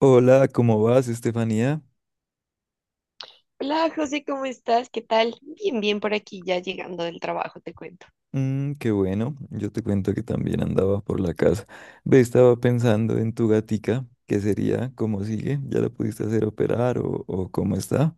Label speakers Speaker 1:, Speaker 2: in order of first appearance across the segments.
Speaker 1: Hola, ¿cómo vas, Estefanía?
Speaker 2: Hola José, ¿cómo estás? ¿Qué tal? Bien, bien por aquí, ya llegando del trabajo, te cuento.
Speaker 1: Mm, qué bueno, yo te cuento que también andaba por la casa. Ve, estaba pensando en tu gatica, ¿qué sería? ¿Cómo sigue? ¿Ya la pudiste hacer operar o cómo está?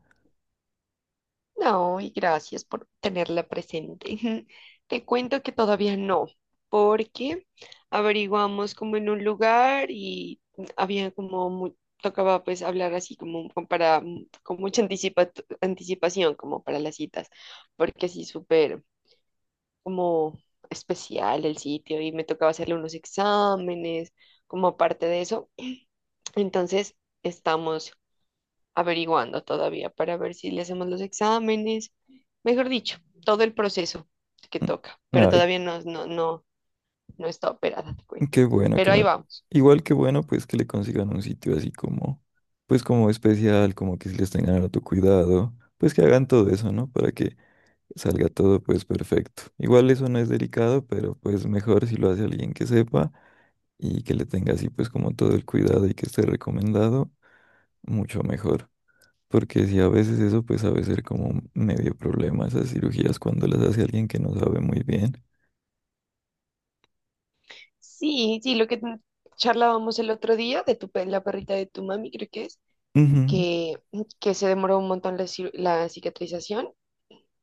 Speaker 2: No, y gracias por tenerla presente. Te cuento que todavía no, porque averiguamos como en un lugar y había como, tocaba pues hablar así como para, con mucha anticipación como para las citas, porque sí, súper como especial el sitio y me tocaba hacerle unos exámenes como aparte de eso. Entonces, estamos averiguando todavía para ver si le hacemos los exámenes, mejor dicho, todo el proceso que
Speaker 1: Mm.
Speaker 2: toca, pero
Speaker 1: Ay,
Speaker 2: todavía no está operada, te cuento.
Speaker 1: qué bueno
Speaker 2: Pero
Speaker 1: que
Speaker 2: ahí
Speaker 1: me...
Speaker 2: vamos.
Speaker 1: Igual que bueno, pues que le consigan un sitio así como, pues como especial, como que si les tengan tu cuidado, pues que hagan todo eso, ¿no? Para que salga todo pues perfecto. Igual eso no es delicado, pero pues mejor si lo hace alguien que sepa y que le tenga así pues como todo el cuidado y que esté recomendado, mucho mejor. Porque si a veces eso pues sabe ser como medio problema esas cirugías cuando las hace alguien que no sabe muy bien.
Speaker 2: Sí, sí, lo que charlábamos el otro día de la perrita de tu mami, creo que es,
Speaker 1: Ujú,
Speaker 2: que, que se demoró un montón la, la cicatrización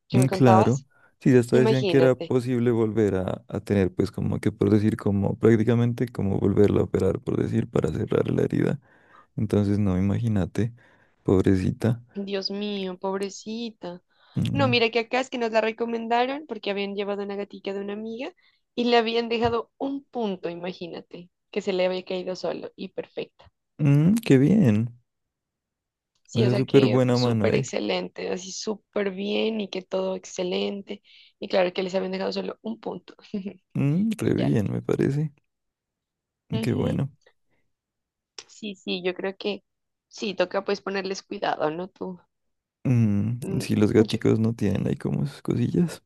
Speaker 2: que
Speaker 1: mm,
Speaker 2: me
Speaker 1: claro.
Speaker 2: contabas.
Speaker 1: Sí, ya hasta decían que era
Speaker 2: Imagínate.
Speaker 1: posible volver a tener pues como que por decir como prácticamente como volverla a operar por decir para cerrar la herida. Entonces no, imagínate, pobrecita.
Speaker 2: Dios mío, pobrecita. No,
Speaker 1: Mm.
Speaker 2: mira que acá es que nos la recomendaron porque habían llevado una gatica de una amiga y le habían dejado un punto, imagínate, que se le había caído solo y perfecta.
Speaker 1: Mm, qué bien. O
Speaker 2: Sí, o
Speaker 1: sea,
Speaker 2: sea
Speaker 1: súper
Speaker 2: que
Speaker 1: buena mano
Speaker 2: súper
Speaker 1: ahí.
Speaker 2: excelente, así súper bien y que todo excelente. Y claro que les habían dejado solo un punto
Speaker 1: Mm, re
Speaker 2: y ya.
Speaker 1: bien, me parece. Qué
Speaker 2: Ujú.
Speaker 1: bueno.
Speaker 2: Sí, sí, yo creo que sí, toca pues ponerles cuidado, ¿no? Tú,
Speaker 1: Mm,
Speaker 2: mm,
Speaker 1: si los
Speaker 2: yo-
Speaker 1: gaticos no tienen ahí como sus cosillas.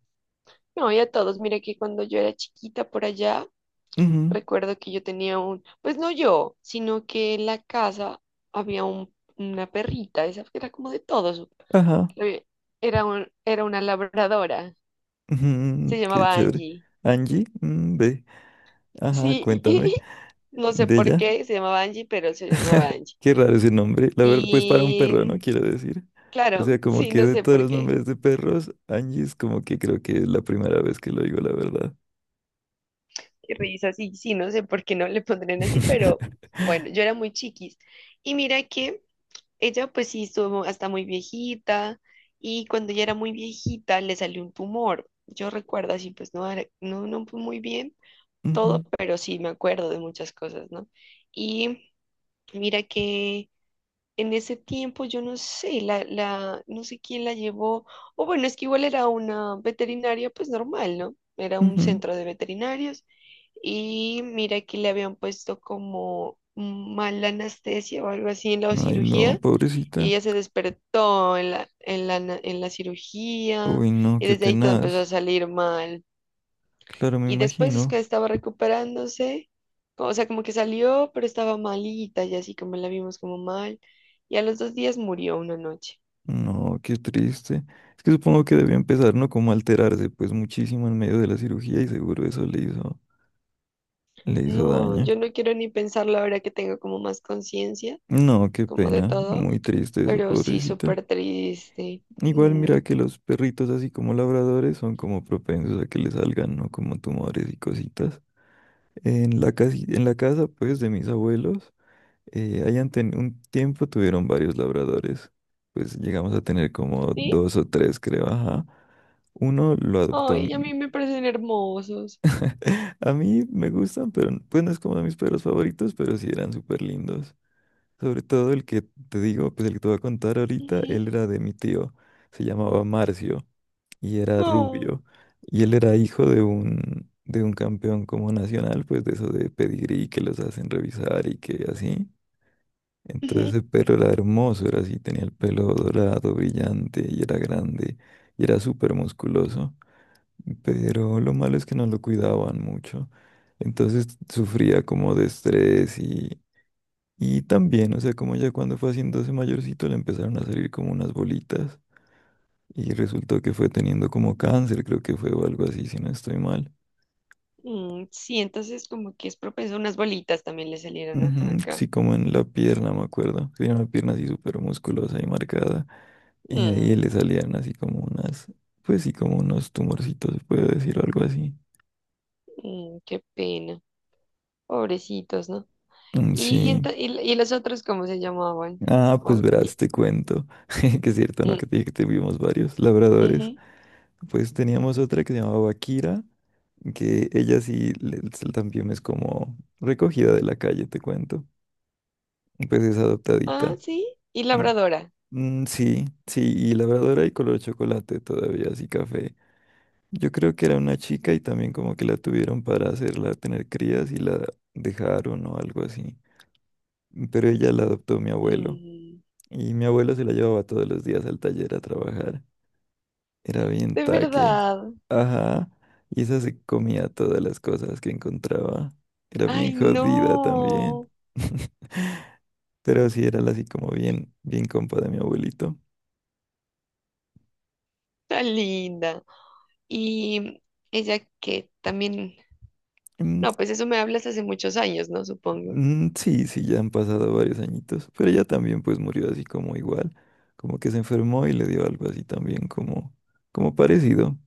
Speaker 2: no, y a todos, mira que cuando yo era chiquita por allá,
Speaker 1: Ujú.
Speaker 2: recuerdo que yo tenía un, pues no yo, sino que en la casa había una perrita, esa que era como de todos.
Speaker 1: Ajá.
Speaker 2: eh, Era un, era una labradora,
Speaker 1: Ujú,
Speaker 2: se
Speaker 1: qué
Speaker 2: llamaba
Speaker 1: chévere.
Speaker 2: Angie.
Speaker 1: Angie, mm, ve. Ajá,
Speaker 2: Sí,
Speaker 1: cuéntame
Speaker 2: no sé
Speaker 1: de
Speaker 2: por
Speaker 1: ella.
Speaker 2: qué se llamaba Angie, pero se llamaba Angie.
Speaker 1: Qué raro ese nombre. La verdad, pues para un perro, ¿no?
Speaker 2: Y
Speaker 1: Quiero decir. O
Speaker 2: claro,
Speaker 1: sea, como
Speaker 2: sí,
Speaker 1: que
Speaker 2: no
Speaker 1: de
Speaker 2: sé
Speaker 1: todos
Speaker 2: por
Speaker 1: los
Speaker 2: qué.
Speaker 1: nombres de perros, Angie es como que creo que es la primera vez que lo digo, la verdad.
Speaker 2: Qué risa, sí, sí, no sé por qué no le pondrían así, pero bueno, yo era muy chiquis. Y mira que ella pues sí estuvo hasta muy viejita y cuando ella era muy viejita le salió un tumor. Yo recuerdo así, pues no, no, no fue muy bien todo,
Speaker 1: Ujú,
Speaker 2: pero sí me acuerdo de muchas cosas, ¿no? Y mira que en ese tiempo yo no sé, no sé quién la llevó, o bueno, es que igual era una veterinaria pues normal, ¿no? Era un
Speaker 1: ujú.
Speaker 2: centro de veterinarios y mira que le habían puesto como mala anestesia o algo así en la
Speaker 1: Ay, no,
Speaker 2: cirugía y
Speaker 1: pobrecita.
Speaker 2: ella se despertó en la cirugía
Speaker 1: Uy, no,
Speaker 2: y
Speaker 1: qué
Speaker 2: desde ahí todo empezó a
Speaker 1: tenaz.
Speaker 2: salir mal.
Speaker 1: Claro, me
Speaker 2: Y después es que
Speaker 1: imagino.
Speaker 2: estaba recuperándose, o sea, como que salió, pero estaba malita y así como la vimos como mal. Y a los dos días murió una noche.
Speaker 1: No, qué triste. Es que supongo que debió empezar, ¿no? Como a alterarse, pues muchísimo en medio de la cirugía y seguro eso le hizo
Speaker 2: No,
Speaker 1: daño.
Speaker 2: yo no quiero ni pensarlo ahora que tengo como más conciencia,
Speaker 1: No, qué
Speaker 2: como de
Speaker 1: pena.
Speaker 2: todo,
Speaker 1: Muy triste eso,
Speaker 2: pero sí,
Speaker 1: pobrecita.
Speaker 2: súper triste.
Speaker 1: Igual
Speaker 2: Mm,
Speaker 1: mira que los perritos, así como labradores, son como propensos a que le salgan, ¿no? Como tumores y cositas. En la en la casa, pues, de mis abuelos. Ahí ante un tiempo tuvieron varios labradores. Pues llegamos a tener como
Speaker 2: sí,
Speaker 1: dos o tres, creo. Ajá. Uno lo adoptó.
Speaker 2: ay, a mí me parecen hermosos.
Speaker 1: A mí me gustan, pero pues no es como de mis perros favoritos, pero sí eran súper lindos. Sobre todo el que te digo, pues el que te voy a contar ahorita,
Speaker 2: Ujú.
Speaker 1: él era de mi tío. Se llamaba Marcio y era
Speaker 2: No.
Speaker 1: rubio. Y él era hijo de un campeón como nacional, pues de eso de pedigrí que los hacen revisar y que así. Entonces el perro era hermoso, era así, tenía el pelo dorado, brillante, y era grande, y era súper musculoso, pero lo malo es que no lo cuidaban mucho. Entonces sufría como de estrés y también, o sea, como ya cuando fue haciéndose mayorcito le empezaron a salir como unas bolitas y resultó que fue teniendo como cáncer, creo que fue o algo así, si no estoy mal.
Speaker 2: Mm, sí, entonces como que es propenso, unas bolitas también le salieron ajá,
Speaker 1: Ujú.
Speaker 2: acá.
Speaker 1: Sí, como en la pierna, me acuerdo. Tenía una pierna así súper musculosa y marcada. Y ahí le
Speaker 2: Mm,
Speaker 1: salían así como unas, pues sí, como unos tumorcitos, se puede decir, o algo así.
Speaker 2: mm, qué pena, pobrecitos, ¿no?
Speaker 1: Mm.
Speaker 2: ¿Y,
Speaker 1: Sí.
Speaker 2: y los otros cómo se llamaban?
Speaker 1: Ah, pues
Speaker 2: O-
Speaker 1: verás,
Speaker 2: y-
Speaker 1: te cuento. Que es cierto, ¿no? Que
Speaker 2: mm,
Speaker 1: te dije que tuvimos varios labradores.
Speaker 2: ujú.
Speaker 1: Pues teníamos otra que se llamaba Kira, que ella sí le- también es como recogida de la calle, te cuento. Pues es
Speaker 2: Ah,
Speaker 1: adoptadita.
Speaker 2: sí, y labradora.
Speaker 1: Mm, sí, sí, y labradora y color chocolate todavía, así café. Yo creo que era una chica y también como que la tuvieron para hacerla tener crías y la dejaron o algo así. Pero ella la adoptó mi abuelo
Speaker 2: Mm,
Speaker 1: y mi abuelo se la llevaba todos los días al taller a trabajar. Era bien
Speaker 2: de
Speaker 1: taque.
Speaker 2: verdad.
Speaker 1: Ajá. Y esa se comía todas las cosas que encontraba. Era bien
Speaker 2: Ay,
Speaker 1: jodida también.
Speaker 2: no,
Speaker 1: Pero sí era la así como bien compa de mi abuelito.
Speaker 2: tan linda. Y ella que también,
Speaker 1: Mm.
Speaker 2: no, pues eso me hablas hace muchos años, ¿no? Supongo.
Speaker 1: Mm, sí, sí, ya han pasado varios añitos, pero ella también pues murió así como igual, como que se enfermó y le dio algo así también como, como parecido,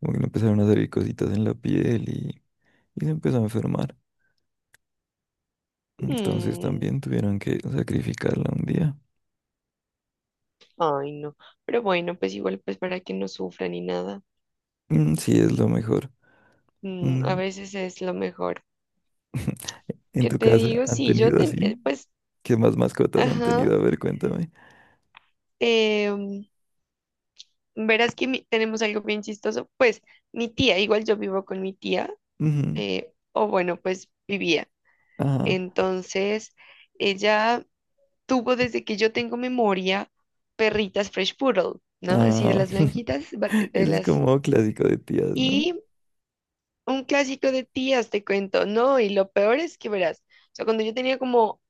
Speaker 1: como que le empezaron a salir cositas en la piel y se empezó a enfermar, entonces
Speaker 2: Mm,
Speaker 1: también tuvieron que sacrificarla un día.
Speaker 2: ay, no. Pero bueno, pues igual, pues para que no sufra ni nada.
Speaker 1: Mm, sí, es lo mejor.
Speaker 2: Mm, a
Speaker 1: Mm.
Speaker 2: veces es lo mejor.
Speaker 1: ¿En
Speaker 2: ¿Qué
Speaker 1: tu
Speaker 2: te
Speaker 1: casa
Speaker 2: digo?
Speaker 1: han
Speaker 2: Sí, yo,
Speaker 1: tenido así?
Speaker 2: pues,
Speaker 1: ¿Qué más mascotas han
Speaker 2: ajá.
Speaker 1: tenido? A ver, cuéntame.
Speaker 2: eh, mm, verás que tenemos algo bien chistoso. Pues mi tía, igual yo vivo con mi tía,
Speaker 1: Ujú.
Speaker 2: o bueno, pues vivía.
Speaker 1: Ajá.
Speaker 2: Entonces, ella tuvo desde que yo tengo memoria perritas Fresh Poodle, ¿no? Así de
Speaker 1: Ah,
Speaker 2: las blanquitas, de
Speaker 1: eso es
Speaker 2: las...
Speaker 1: como clásico de tías, ¿no?
Speaker 2: Un clásico de tías, te cuento, no, y lo peor es que verás, o sea, cuando yo tenía como,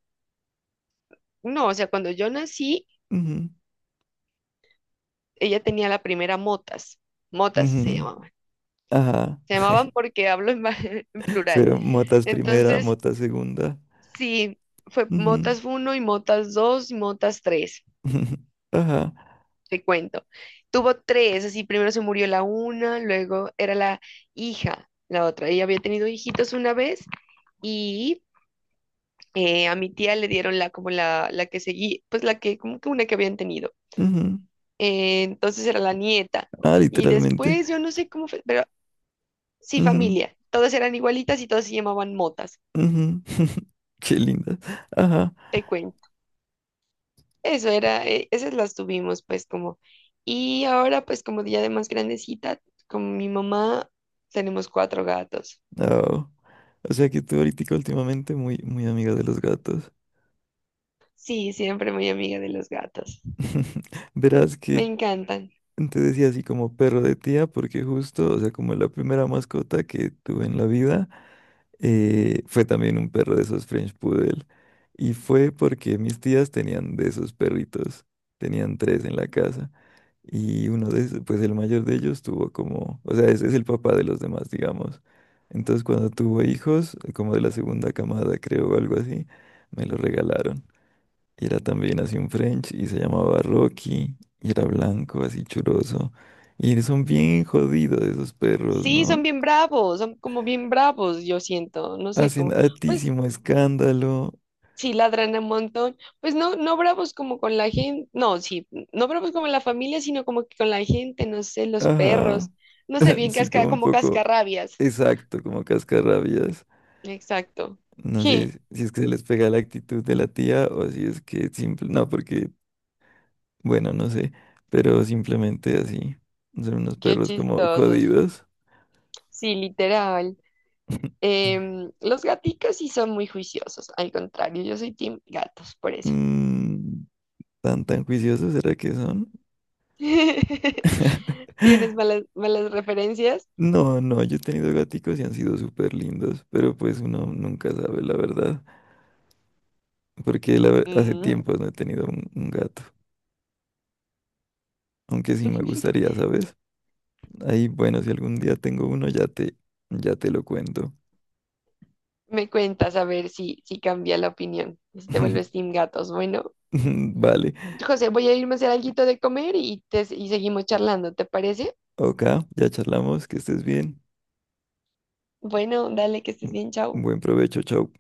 Speaker 2: no, o sea, cuando yo nací,
Speaker 1: Ujú,
Speaker 2: ella tenía la primera motas, motas
Speaker 1: ujú. Ajá.
Speaker 2: se llamaban porque hablo en, en plural,
Speaker 1: Fueron motas primera,
Speaker 2: entonces,
Speaker 1: mota segunda.
Speaker 2: sí, fue
Speaker 1: Ujú,
Speaker 2: motas uno y motas 2 y motas 3
Speaker 1: ujú. Ajá.
Speaker 2: te cuento, tuvo tres, así, primero se murió la una, luego era la hija, la otra, ella había tenido hijitos una vez, y a mi tía le dieron la como la que seguí, pues la que, como que una que habían tenido.
Speaker 1: Ujú.
Speaker 2: Entonces era la nieta.
Speaker 1: Ah,
Speaker 2: Y
Speaker 1: literalmente.
Speaker 2: después yo no sé cómo fue, pero sí,
Speaker 1: Ujú,
Speaker 2: familia. Todas eran igualitas y todas se llamaban motas,
Speaker 1: ujú. Qué linda. Ajá.
Speaker 2: te cuento. Eso era, esas las tuvimos pues como. Y ahora pues como ya de más grandecita, con mi mamá tenemos cuatro gatos.
Speaker 1: Oh. O sea que tú ahorita últimamente muy, muy amiga de los gatos.
Speaker 2: Sí, siempre muy amiga de los gatos.
Speaker 1: Verás
Speaker 2: Me
Speaker 1: que
Speaker 2: encantan.
Speaker 1: te decía así como perro de tía, porque justo, o sea, como la primera mascota que tuve en la vida. Fue también un perro de esos French Poodle. Y fue porque mis tías tenían de esos perritos. Tenían tres en la casa. Y uno de esos, pues el mayor de ellos tuvo como, o sea, ese es el papá de los demás, digamos. Entonces cuando tuvo hijos, como de la segunda camada, creo, o algo así, me lo regalaron. Y era también así un French y se llamaba Rocky. Y era blanco, así churoso. Y son bien jodidos esos perros,
Speaker 2: Sí, son
Speaker 1: ¿no?
Speaker 2: bien bravos, son como bien bravos, yo siento. No sé,
Speaker 1: Hacen
Speaker 2: como, pues
Speaker 1: altísimo escándalo.
Speaker 2: sí, ladran un montón. Pues no, no bravos como con la gente, no, sí, no bravos como la familia, sino como que con la gente, no sé, los
Speaker 1: Ajá.
Speaker 2: perros, no sé, bien
Speaker 1: Sí, como un
Speaker 2: como
Speaker 1: poco
Speaker 2: cascarrabias.
Speaker 1: exacto, como cascarrabias.
Speaker 2: Exacto.
Speaker 1: No
Speaker 2: Je,
Speaker 1: sé si es que se les pega la actitud de la tía o si es que simple, no, porque, bueno, no sé, pero simplemente así. Son unos
Speaker 2: qué
Speaker 1: perros como
Speaker 2: chistosos.
Speaker 1: jodidos.
Speaker 2: Sí, literal. Em, los gaticos sí son muy juiciosos, al contrario, yo soy team gatos, por eso.
Speaker 1: Mm, ¿tan tan juiciosos será que son?
Speaker 2: ¿Tienes malas referencias?
Speaker 1: No, no, yo he tenido gaticos y han sido súper lindos, pero pues uno nunca sabe la verdad, porque hace
Speaker 2: Mm,
Speaker 1: tiempo no he tenido un gato, aunque sí me gustaría, ¿sabes? Ahí, bueno, si algún día tengo uno, ya te lo cuento.
Speaker 2: me cuentas a ver si, si cambia la opinión, si te vuelves team gatos, bueno.
Speaker 1: Vale.
Speaker 2: José, voy a irme a hacer algo de comer y seguimos charlando, ¿te parece?
Speaker 1: Ok, ya charlamos, que estés bien.
Speaker 2: Bueno, dale, que estés bien, chao.
Speaker 1: Buen provecho, chao.